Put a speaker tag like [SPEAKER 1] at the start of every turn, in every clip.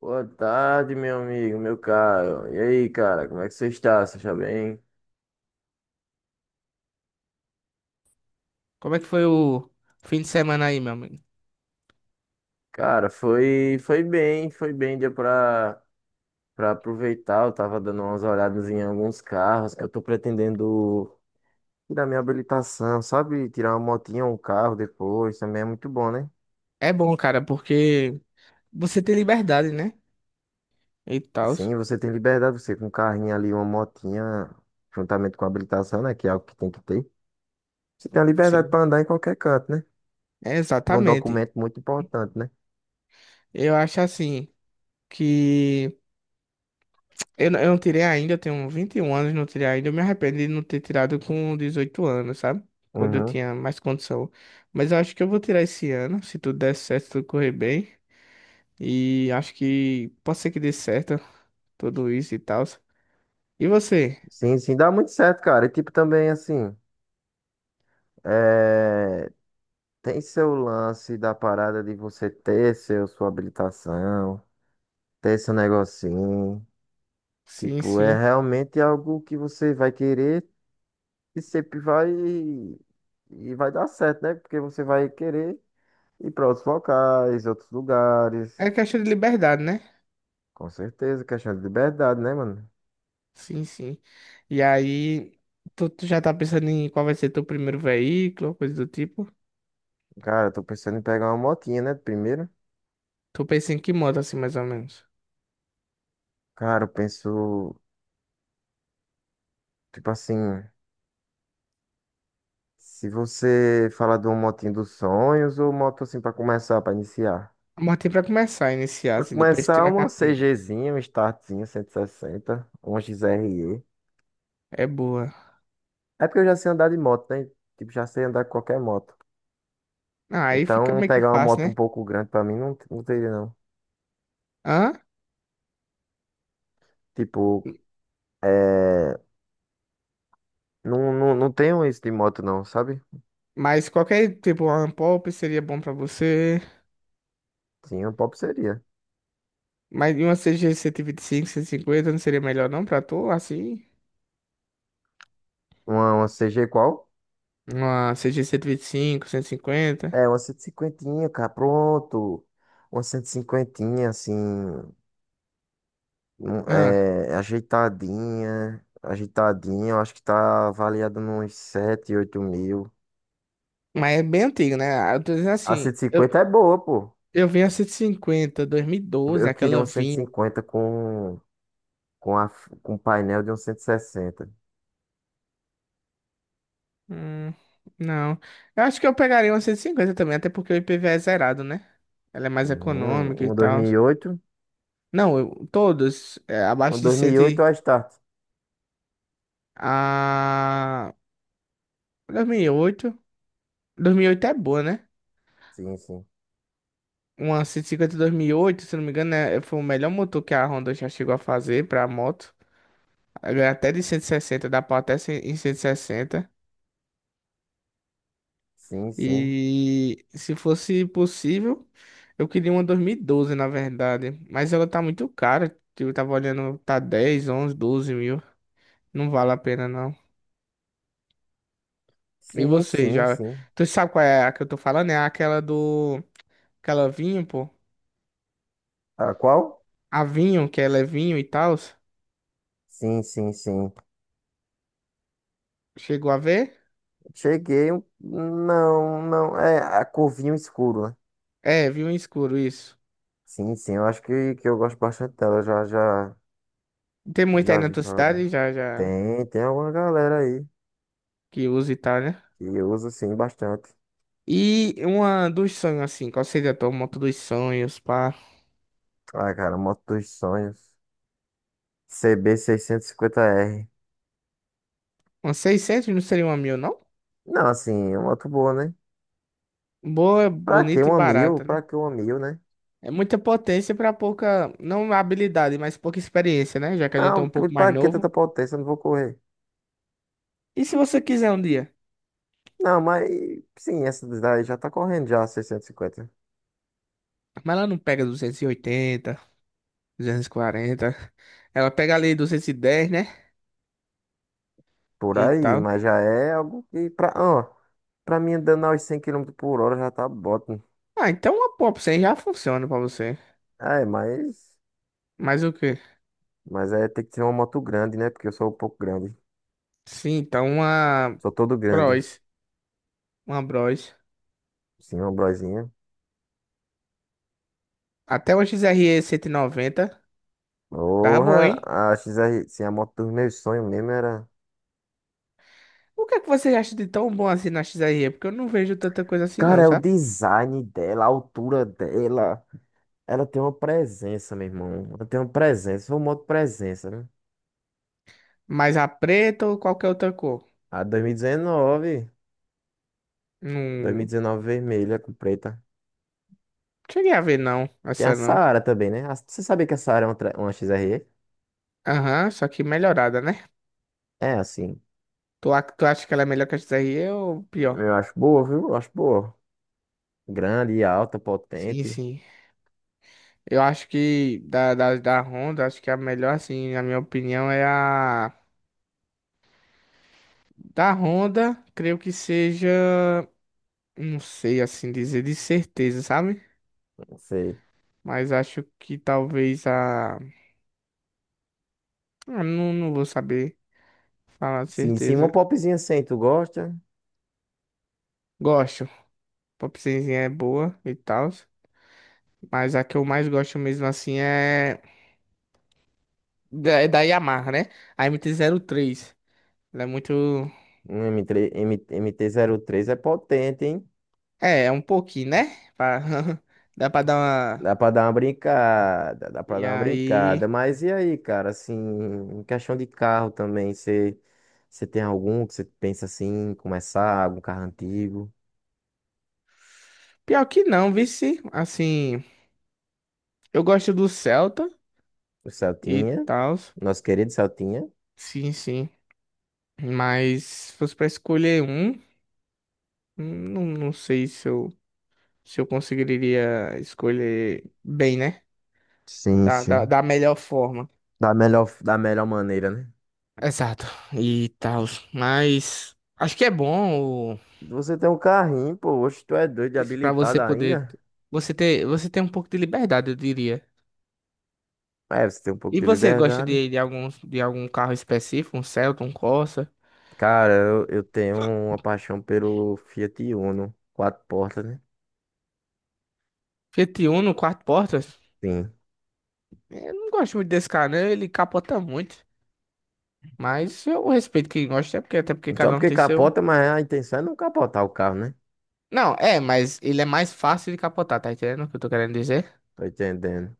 [SPEAKER 1] Boa tarde, meu amigo, meu caro. E aí, cara, como é que você está? Você está bem?
[SPEAKER 2] Como é que foi o fim de semana aí, meu amigo?
[SPEAKER 1] Cara, foi bem, foi bem, dia pra aproveitar. Eu tava dando umas olhadas em alguns carros. Eu tô pretendendo tirar minha habilitação, sabe? Tirar uma motinha ou um carro depois, também é muito bom, né?
[SPEAKER 2] É bom, cara, porque você tem liberdade, né? E tal.
[SPEAKER 1] Sim, você tem liberdade, você com um carrinho ali, uma motinha, juntamente com a habilitação, né? Que é algo que tem que ter. Você tem a liberdade
[SPEAKER 2] Sim.
[SPEAKER 1] pra andar em qualquer canto, né?
[SPEAKER 2] É,
[SPEAKER 1] É um
[SPEAKER 2] exatamente.
[SPEAKER 1] documento muito importante, né?
[SPEAKER 2] Eu acho assim que eu não tirei ainda, eu tenho 21 anos, não tirei ainda. Eu me arrependo de não ter tirado com 18 anos, sabe? Quando eu
[SPEAKER 1] Uhum.
[SPEAKER 2] tinha mais condição. Mas eu acho que eu vou tirar esse ano, se tudo der certo, se tudo correr bem. E acho que pode ser que dê certo tudo isso e tal. E você?
[SPEAKER 1] Sim, sim, dá muito certo, cara. E tipo, também assim, é, tem seu lance da parada de você ter sua habilitação, ter seu negocinho.
[SPEAKER 2] Sim,
[SPEAKER 1] Tipo,
[SPEAKER 2] sim.
[SPEAKER 1] é realmente algo que você vai querer e sempre vai dar certo, né? Porque você vai querer ir para outros locais, outros lugares.
[SPEAKER 2] É questão de liberdade, né?
[SPEAKER 1] Com certeza, questão de liberdade, né, mano?
[SPEAKER 2] Sim, sim. E aí, tu já tá pensando em qual vai ser teu primeiro veículo, coisa do tipo?
[SPEAKER 1] Cara, eu tô pensando em pegar uma motinha, né? Primeiro.
[SPEAKER 2] Tu pensa em que moto, assim, mais ou menos?
[SPEAKER 1] Cara, eu penso, tipo assim. Se você falar de um motinho dos sonhos ou moto assim pra começar, pra iniciar?
[SPEAKER 2] A motinha pra começar, iniciar,
[SPEAKER 1] Pra
[SPEAKER 2] assim, depois
[SPEAKER 1] começar,
[SPEAKER 2] tirar a
[SPEAKER 1] uma
[SPEAKER 2] carteira.
[SPEAKER 1] CGzinha, um startzinho 160, uma XRE.
[SPEAKER 2] É boa.
[SPEAKER 1] É porque eu já sei andar de moto, né? Tipo, já sei andar com qualquer moto.
[SPEAKER 2] Ah, aí fica
[SPEAKER 1] Então,
[SPEAKER 2] meio que
[SPEAKER 1] pegar uma
[SPEAKER 2] fácil,
[SPEAKER 1] moto um
[SPEAKER 2] né?
[SPEAKER 1] pouco grande pra mim não teria, não.
[SPEAKER 2] Hã?
[SPEAKER 1] Tipo, é, não, não, não tenho isso de moto, não, sabe?
[SPEAKER 2] Mas qualquer tipo, uma Pop seria bom pra você.
[SPEAKER 1] Sim, um pop seria.
[SPEAKER 2] Mas e uma C G 125, 150 não seria melhor não pra tu, assim?
[SPEAKER 1] Uma CG qual?
[SPEAKER 2] Uma CG e vinte e cinco, cento e cinquenta.
[SPEAKER 1] É, uma 150, cara, pronto. Uma 150, assim.
[SPEAKER 2] Ah,
[SPEAKER 1] É ajeitadinha, ajeitadinha, eu acho que tá avaliada nos 7, 8 mil.
[SPEAKER 2] mas é bem antigo, né? Eu tô dizendo
[SPEAKER 1] A
[SPEAKER 2] assim,
[SPEAKER 1] cento e
[SPEAKER 2] eu...
[SPEAKER 1] cinquenta é boa, pô.
[SPEAKER 2] Eu vi a 150,
[SPEAKER 1] Eu
[SPEAKER 2] doze,
[SPEAKER 1] eu queria
[SPEAKER 2] aquela
[SPEAKER 1] um cento e
[SPEAKER 2] vinho.
[SPEAKER 1] cinquenta com, a, com painel de um 160.
[SPEAKER 2] Hum, não. Eu acho que eu pegaria uma 150 também, até porque o IPVA é zerado, né? Ela é mais
[SPEAKER 1] Uhum,
[SPEAKER 2] econômica e
[SPEAKER 1] um dois
[SPEAKER 2] tal.
[SPEAKER 1] mil e oito,
[SPEAKER 2] Não, eu, todos, é,
[SPEAKER 1] um
[SPEAKER 2] abaixo de 100.
[SPEAKER 1] 2008 é a
[SPEAKER 2] E-
[SPEAKER 1] Start.
[SPEAKER 2] A dois mil e oito dois mil e oito é boa, né?
[SPEAKER 1] Sim, sim,
[SPEAKER 2] Uma cento e cinquenta dois mil e oito, se não me engano, é, foi o melhor motor que a Honda já chegou a fazer pra moto. Ela ganha até de 160, dá pau até cem em 160.
[SPEAKER 1] sim, sim,
[SPEAKER 2] E se fosse possível, eu queria uma 2012, na verdade. Mas ela tá muito cara. Tipo, eu tava olhando, tá dez, onze, 12 mil. Não vale a pena, não. E
[SPEAKER 1] sim,
[SPEAKER 2] você,
[SPEAKER 1] sim,
[SPEAKER 2] já...
[SPEAKER 1] sim.
[SPEAKER 2] Tu sabe qual é a que eu tô falando? É aquela do... Aquela vinho, pô.
[SPEAKER 1] Ah, qual?
[SPEAKER 2] A vinho, que ela é vinho e tal.
[SPEAKER 1] Sim, sim, sim.
[SPEAKER 2] Chegou a ver?
[SPEAKER 1] Cheguei, não, é a corvinho escuro, né?
[SPEAKER 2] É, vinho escuro, isso.
[SPEAKER 1] Sim, sim, eu acho que eu gosto bastante dela. Já, já
[SPEAKER 2] Tem muita aí
[SPEAKER 1] Já
[SPEAKER 2] na
[SPEAKER 1] vi
[SPEAKER 2] tua
[SPEAKER 1] falar
[SPEAKER 2] cidade,
[SPEAKER 1] dela.
[SPEAKER 2] já, já...
[SPEAKER 1] Tem alguma galera aí
[SPEAKER 2] Que usa e tal, né?
[SPEAKER 1] que usa sim bastante.
[SPEAKER 2] E uma dos sonhos, assim. Qual seria a tua moto dos sonhos, pá?
[SPEAKER 1] Ah, cara, moto dos sonhos. CB650R.
[SPEAKER 2] Uns 600 não seria 1000, não?
[SPEAKER 1] Não, assim, é uma moto boa, né?
[SPEAKER 2] Boa,
[SPEAKER 1] Pra que
[SPEAKER 2] bonita e
[SPEAKER 1] uma mil?
[SPEAKER 2] barata, né?
[SPEAKER 1] Pra que uma mil, né?
[SPEAKER 2] É muita potência pra pouca, não habilidade, mas pouca experiência, né? Já que a gente é
[SPEAKER 1] Não,
[SPEAKER 2] um pouco mais
[SPEAKER 1] pra que tanta
[SPEAKER 2] novo.
[SPEAKER 1] potência? Eu não vou correr.
[SPEAKER 2] E se você quiser um dia?
[SPEAKER 1] Não, mas sim, essa daí já tá correndo já, 650.
[SPEAKER 2] Mas ela não pega 280, 240. Ela pega ali 210, né?
[SPEAKER 1] Por
[SPEAKER 2] E
[SPEAKER 1] aí,
[SPEAKER 2] tal.
[SPEAKER 1] mas já é algo que pra mim andando aos 100 km por hora já tá bom.
[SPEAKER 2] Ah, então uma Pop 100 já funciona pra você.
[SPEAKER 1] É, mas,
[SPEAKER 2] Mas o quê?
[SPEAKER 1] mas tem que ser uma moto grande, né? Porque eu sou um pouco grande.
[SPEAKER 2] Sim, então uma
[SPEAKER 1] Sou todo grande.
[SPEAKER 2] Bros. Uma Bros.
[SPEAKER 1] Sim, uma brosinha.
[SPEAKER 2] Até uma XRE 190. Dá bom,
[SPEAKER 1] Porra,
[SPEAKER 2] hein?
[SPEAKER 1] a XR, sim, a moto dos meus sonhos mesmo era.
[SPEAKER 2] O que é que você acha de tão bom assim na XRE? Porque eu não vejo tanta coisa assim,
[SPEAKER 1] Cara,
[SPEAKER 2] não,
[SPEAKER 1] é o
[SPEAKER 2] sabe?
[SPEAKER 1] design dela, a altura dela. Ela tem uma presença, meu irmão. Ela tem uma presença. Foi uma moto presença, né?
[SPEAKER 2] Mas a preta ou qualquer outra cor?
[SPEAKER 1] A 2019.
[SPEAKER 2] Não
[SPEAKER 1] 2019 vermelha com preta.
[SPEAKER 2] cheguei a ver, não.
[SPEAKER 1] Tem a
[SPEAKER 2] Essa não.
[SPEAKER 1] Saara também, né? Você sabia que a Saara é uma XRE?
[SPEAKER 2] Aham, só que melhorada, né?
[SPEAKER 1] É, assim.
[SPEAKER 2] Tu acha que ela é melhor que a XRE ou pior?
[SPEAKER 1] Eu acho boa, viu? Eu acho boa. Grande, alta,
[SPEAKER 2] Sim,
[SPEAKER 1] potente.
[SPEAKER 2] sim. Eu acho que da Honda, acho que a melhor, assim, na minha opinião, é a. Da Honda, creio que seja. Não sei assim dizer de certeza, sabe?
[SPEAKER 1] Não sei.
[SPEAKER 2] Mas acho que talvez a. Ah, não, não vou saber falar de
[SPEAKER 1] Sim, sim, uma
[SPEAKER 2] certeza.
[SPEAKER 1] popzinha assim, tu gosta?
[SPEAKER 2] Gosto. Popzinha é boa e tal. Mas a que eu mais gosto mesmo assim é da Yamaha, né? A MT-03. Ela é muito.
[SPEAKER 1] Um M3, M, 3 m mt três é potente, hein?
[SPEAKER 2] É, é um pouquinho, né? Pra- Dá pra dar uma.
[SPEAKER 1] Dá pra dar uma brincada, dá pra
[SPEAKER 2] E
[SPEAKER 1] dar uma brincada.
[SPEAKER 2] aí.
[SPEAKER 1] Mas e aí, cara, assim, em questão de carro também, você tem algum que você pensa assim, em começar, algum carro antigo?
[SPEAKER 2] Pior que não, vice. Assim, eu gosto do Celta
[SPEAKER 1] O
[SPEAKER 2] e
[SPEAKER 1] Celtinha,
[SPEAKER 2] tal.
[SPEAKER 1] nosso querido Celtinha.
[SPEAKER 2] Sim, sim. Mas se fosse pra escolher um, não, não sei se eu conseguiria escolher bem, né?
[SPEAKER 1] Sim,
[SPEAKER 2] Da, da,
[SPEAKER 1] sim.
[SPEAKER 2] da melhor forma.
[SPEAKER 1] Da melhor maneira, né?
[SPEAKER 2] Exato, e tal. Mas acho que é bom o-
[SPEAKER 1] Você tem um carrinho, pô, hoje tu é doido de
[SPEAKER 2] isso para
[SPEAKER 1] habilitado
[SPEAKER 2] você poder
[SPEAKER 1] ainda?
[SPEAKER 2] você ter um pouco de liberdade, eu diria.
[SPEAKER 1] É, você tem um pouco
[SPEAKER 2] E
[SPEAKER 1] de
[SPEAKER 2] você gosta
[SPEAKER 1] liberdade.
[SPEAKER 2] de algum carro específico, um Celta, um Corsa,
[SPEAKER 1] Cara, eu tenho uma paixão pelo Fiat Uno, quatro portas, né?
[SPEAKER 2] Fiat Uno, quatro portas?
[SPEAKER 1] Sim.
[SPEAKER 2] Eu não gosto muito desse carro, né? Ele capota muito. Mas eu respeito quem gosta, é porque até porque
[SPEAKER 1] Só
[SPEAKER 2] cada um
[SPEAKER 1] porque
[SPEAKER 2] tem seu.
[SPEAKER 1] capota, mas a intenção é não capotar o carro, né?
[SPEAKER 2] Não, é, mas ele é mais fácil de capotar, tá entendendo o que eu tô querendo dizer?
[SPEAKER 1] Tô entendendo.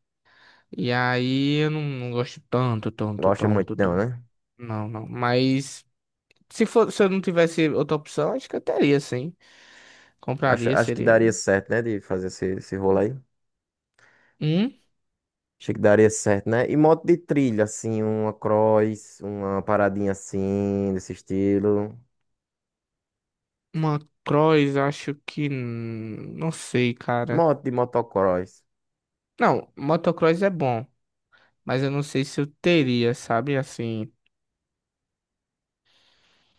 [SPEAKER 2] E aí eu não gosto tanto, tanto,
[SPEAKER 1] Gosta muito,
[SPEAKER 2] tanto,
[SPEAKER 1] não,
[SPEAKER 2] tanto.
[SPEAKER 1] né?
[SPEAKER 2] Não, não. Mas... Se for, se eu não tivesse outra opção, acho que eu teria, sim.
[SPEAKER 1] Acho,
[SPEAKER 2] Compraria,
[SPEAKER 1] acho que
[SPEAKER 2] seria.
[SPEAKER 1] daria certo, né? De fazer esse rolo aí.
[SPEAKER 2] Hum?
[SPEAKER 1] Achei que daria certo, né? E moto de trilha, assim, uma cross, uma paradinha assim, desse estilo.
[SPEAKER 2] Motocross acho que. Não sei, cara.
[SPEAKER 1] Moto de motocross.
[SPEAKER 2] Não, motocross é bom, mas eu não sei se eu teria, sabe? Assim.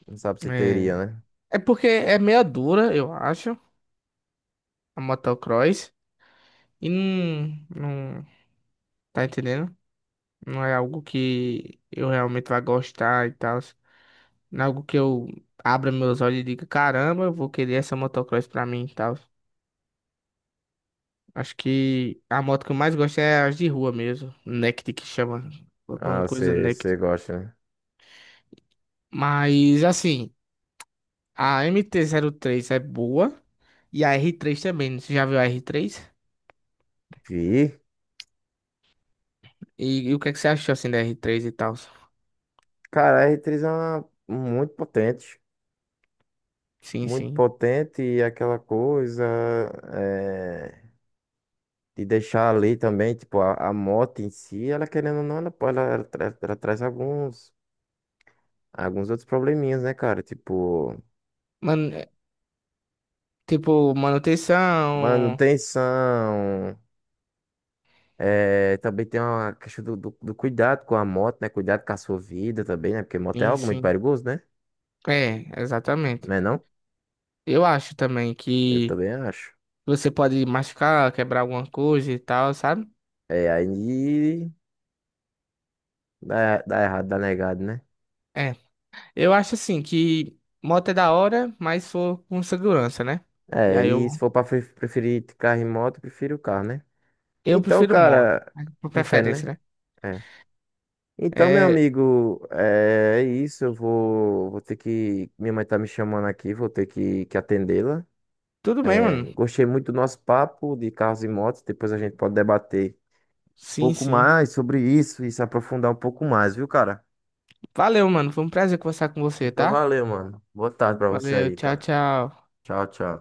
[SPEAKER 1] Não sabe se teria,
[SPEAKER 2] É,
[SPEAKER 1] né?
[SPEAKER 2] é porque é meia dura, eu acho, a motocross. E não, não. Tá entendendo? Não é algo que eu realmente vá gostar e tal. Não é algo que eu abra meus olhos e diga: caramba, eu vou querer essa motocross pra mim e tal. Acho que a moto que eu mais gosto é as de rua mesmo. Naked que chama.
[SPEAKER 1] Ah,
[SPEAKER 2] Alguma coisa
[SPEAKER 1] você,
[SPEAKER 2] Naked.
[SPEAKER 1] você gosta, né?
[SPEAKER 2] Mas assim, a MT-03 é boa. E a R3 também. Você já viu a R3?
[SPEAKER 1] Vi.
[SPEAKER 2] E o que é que você achou assim da R3 e tal?
[SPEAKER 1] Cara, a R3 é muito potente.
[SPEAKER 2] Sim,
[SPEAKER 1] Muito
[SPEAKER 2] sim.
[SPEAKER 1] potente e aquela coisa é, de deixar ali também, tipo, a moto em si, ela querendo ou não, ela, ela traz alguns outros probleminhas, né, cara? Tipo,
[SPEAKER 2] Mano, é, tipo, manutenção.
[SPEAKER 1] manutenção, também tem uma questão do cuidado com a moto, né? Cuidado com a sua vida também, né? Porque moto é
[SPEAKER 2] Sim,
[SPEAKER 1] algo muito
[SPEAKER 2] sim.
[SPEAKER 1] perigoso, né?
[SPEAKER 2] É, exatamente.
[SPEAKER 1] Não é não?
[SPEAKER 2] Eu acho também
[SPEAKER 1] Eu
[SPEAKER 2] que
[SPEAKER 1] também acho.
[SPEAKER 2] você pode machucar, quebrar alguma coisa e tal, sabe?
[SPEAKER 1] É, aí dá errado, dá negado, né?
[SPEAKER 2] É, eu acho assim que moto é da hora, mas for com segurança, né? E
[SPEAKER 1] É,
[SPEAKER 2] aí eu,
[SPEAKER 1] e se for pra preferir carro e moto, eu prefiro o carro, né?
[SPEAKER 2] eu
[SPEAKER 1] Então,
[SPEAKER 2] prefiro moto,
[SPEAKER 1] cara,
[SPEAKER 2] mas por
[SPEAKER 1] prefere,
[SPEAKER 2] preferência,
[SPEAKER 1] né?
[SPEAKER 2] né?
[SPEAKER 1] É. Então, meu
[SPEAKER 2] É,
[SPEAKER 1] amigo, é isso. Eu vou ter que. Minha mãe tá me chamando aqui, vou ter que atendê-la.
[SPEAKER 2] tudo bem,
[SPEAKER 1] É,
[SPEAKER 2] mano.
[SPEAKER 1] gostei muito do nosso papo de carros e motos. Depois a gente pode debater um
[SPEAKER 2] Sim,
[SPEAKER 1] pouco
[SPEAKER 2] sim.
[SPEAKER 1] mais sobre isso e se aprofundar um pouco mais, viu, cara?
[SPEAKER 2] Valeu, mano. Foi um prazer conversar com você,
[SPEAKER 1] Então,
[SPEAKER 2] tá?
[SPEAKER 1] valeu, mano. Boa tarde pra você
[SPEAKER 2] Valeu,
[SPEAKER 1] aí,
[SPEAKER 2] tchau,
[SPEAKER 1] cara.
[SPEAKER 2] tchau.
[SPEAKER 1] Tchau, tchau.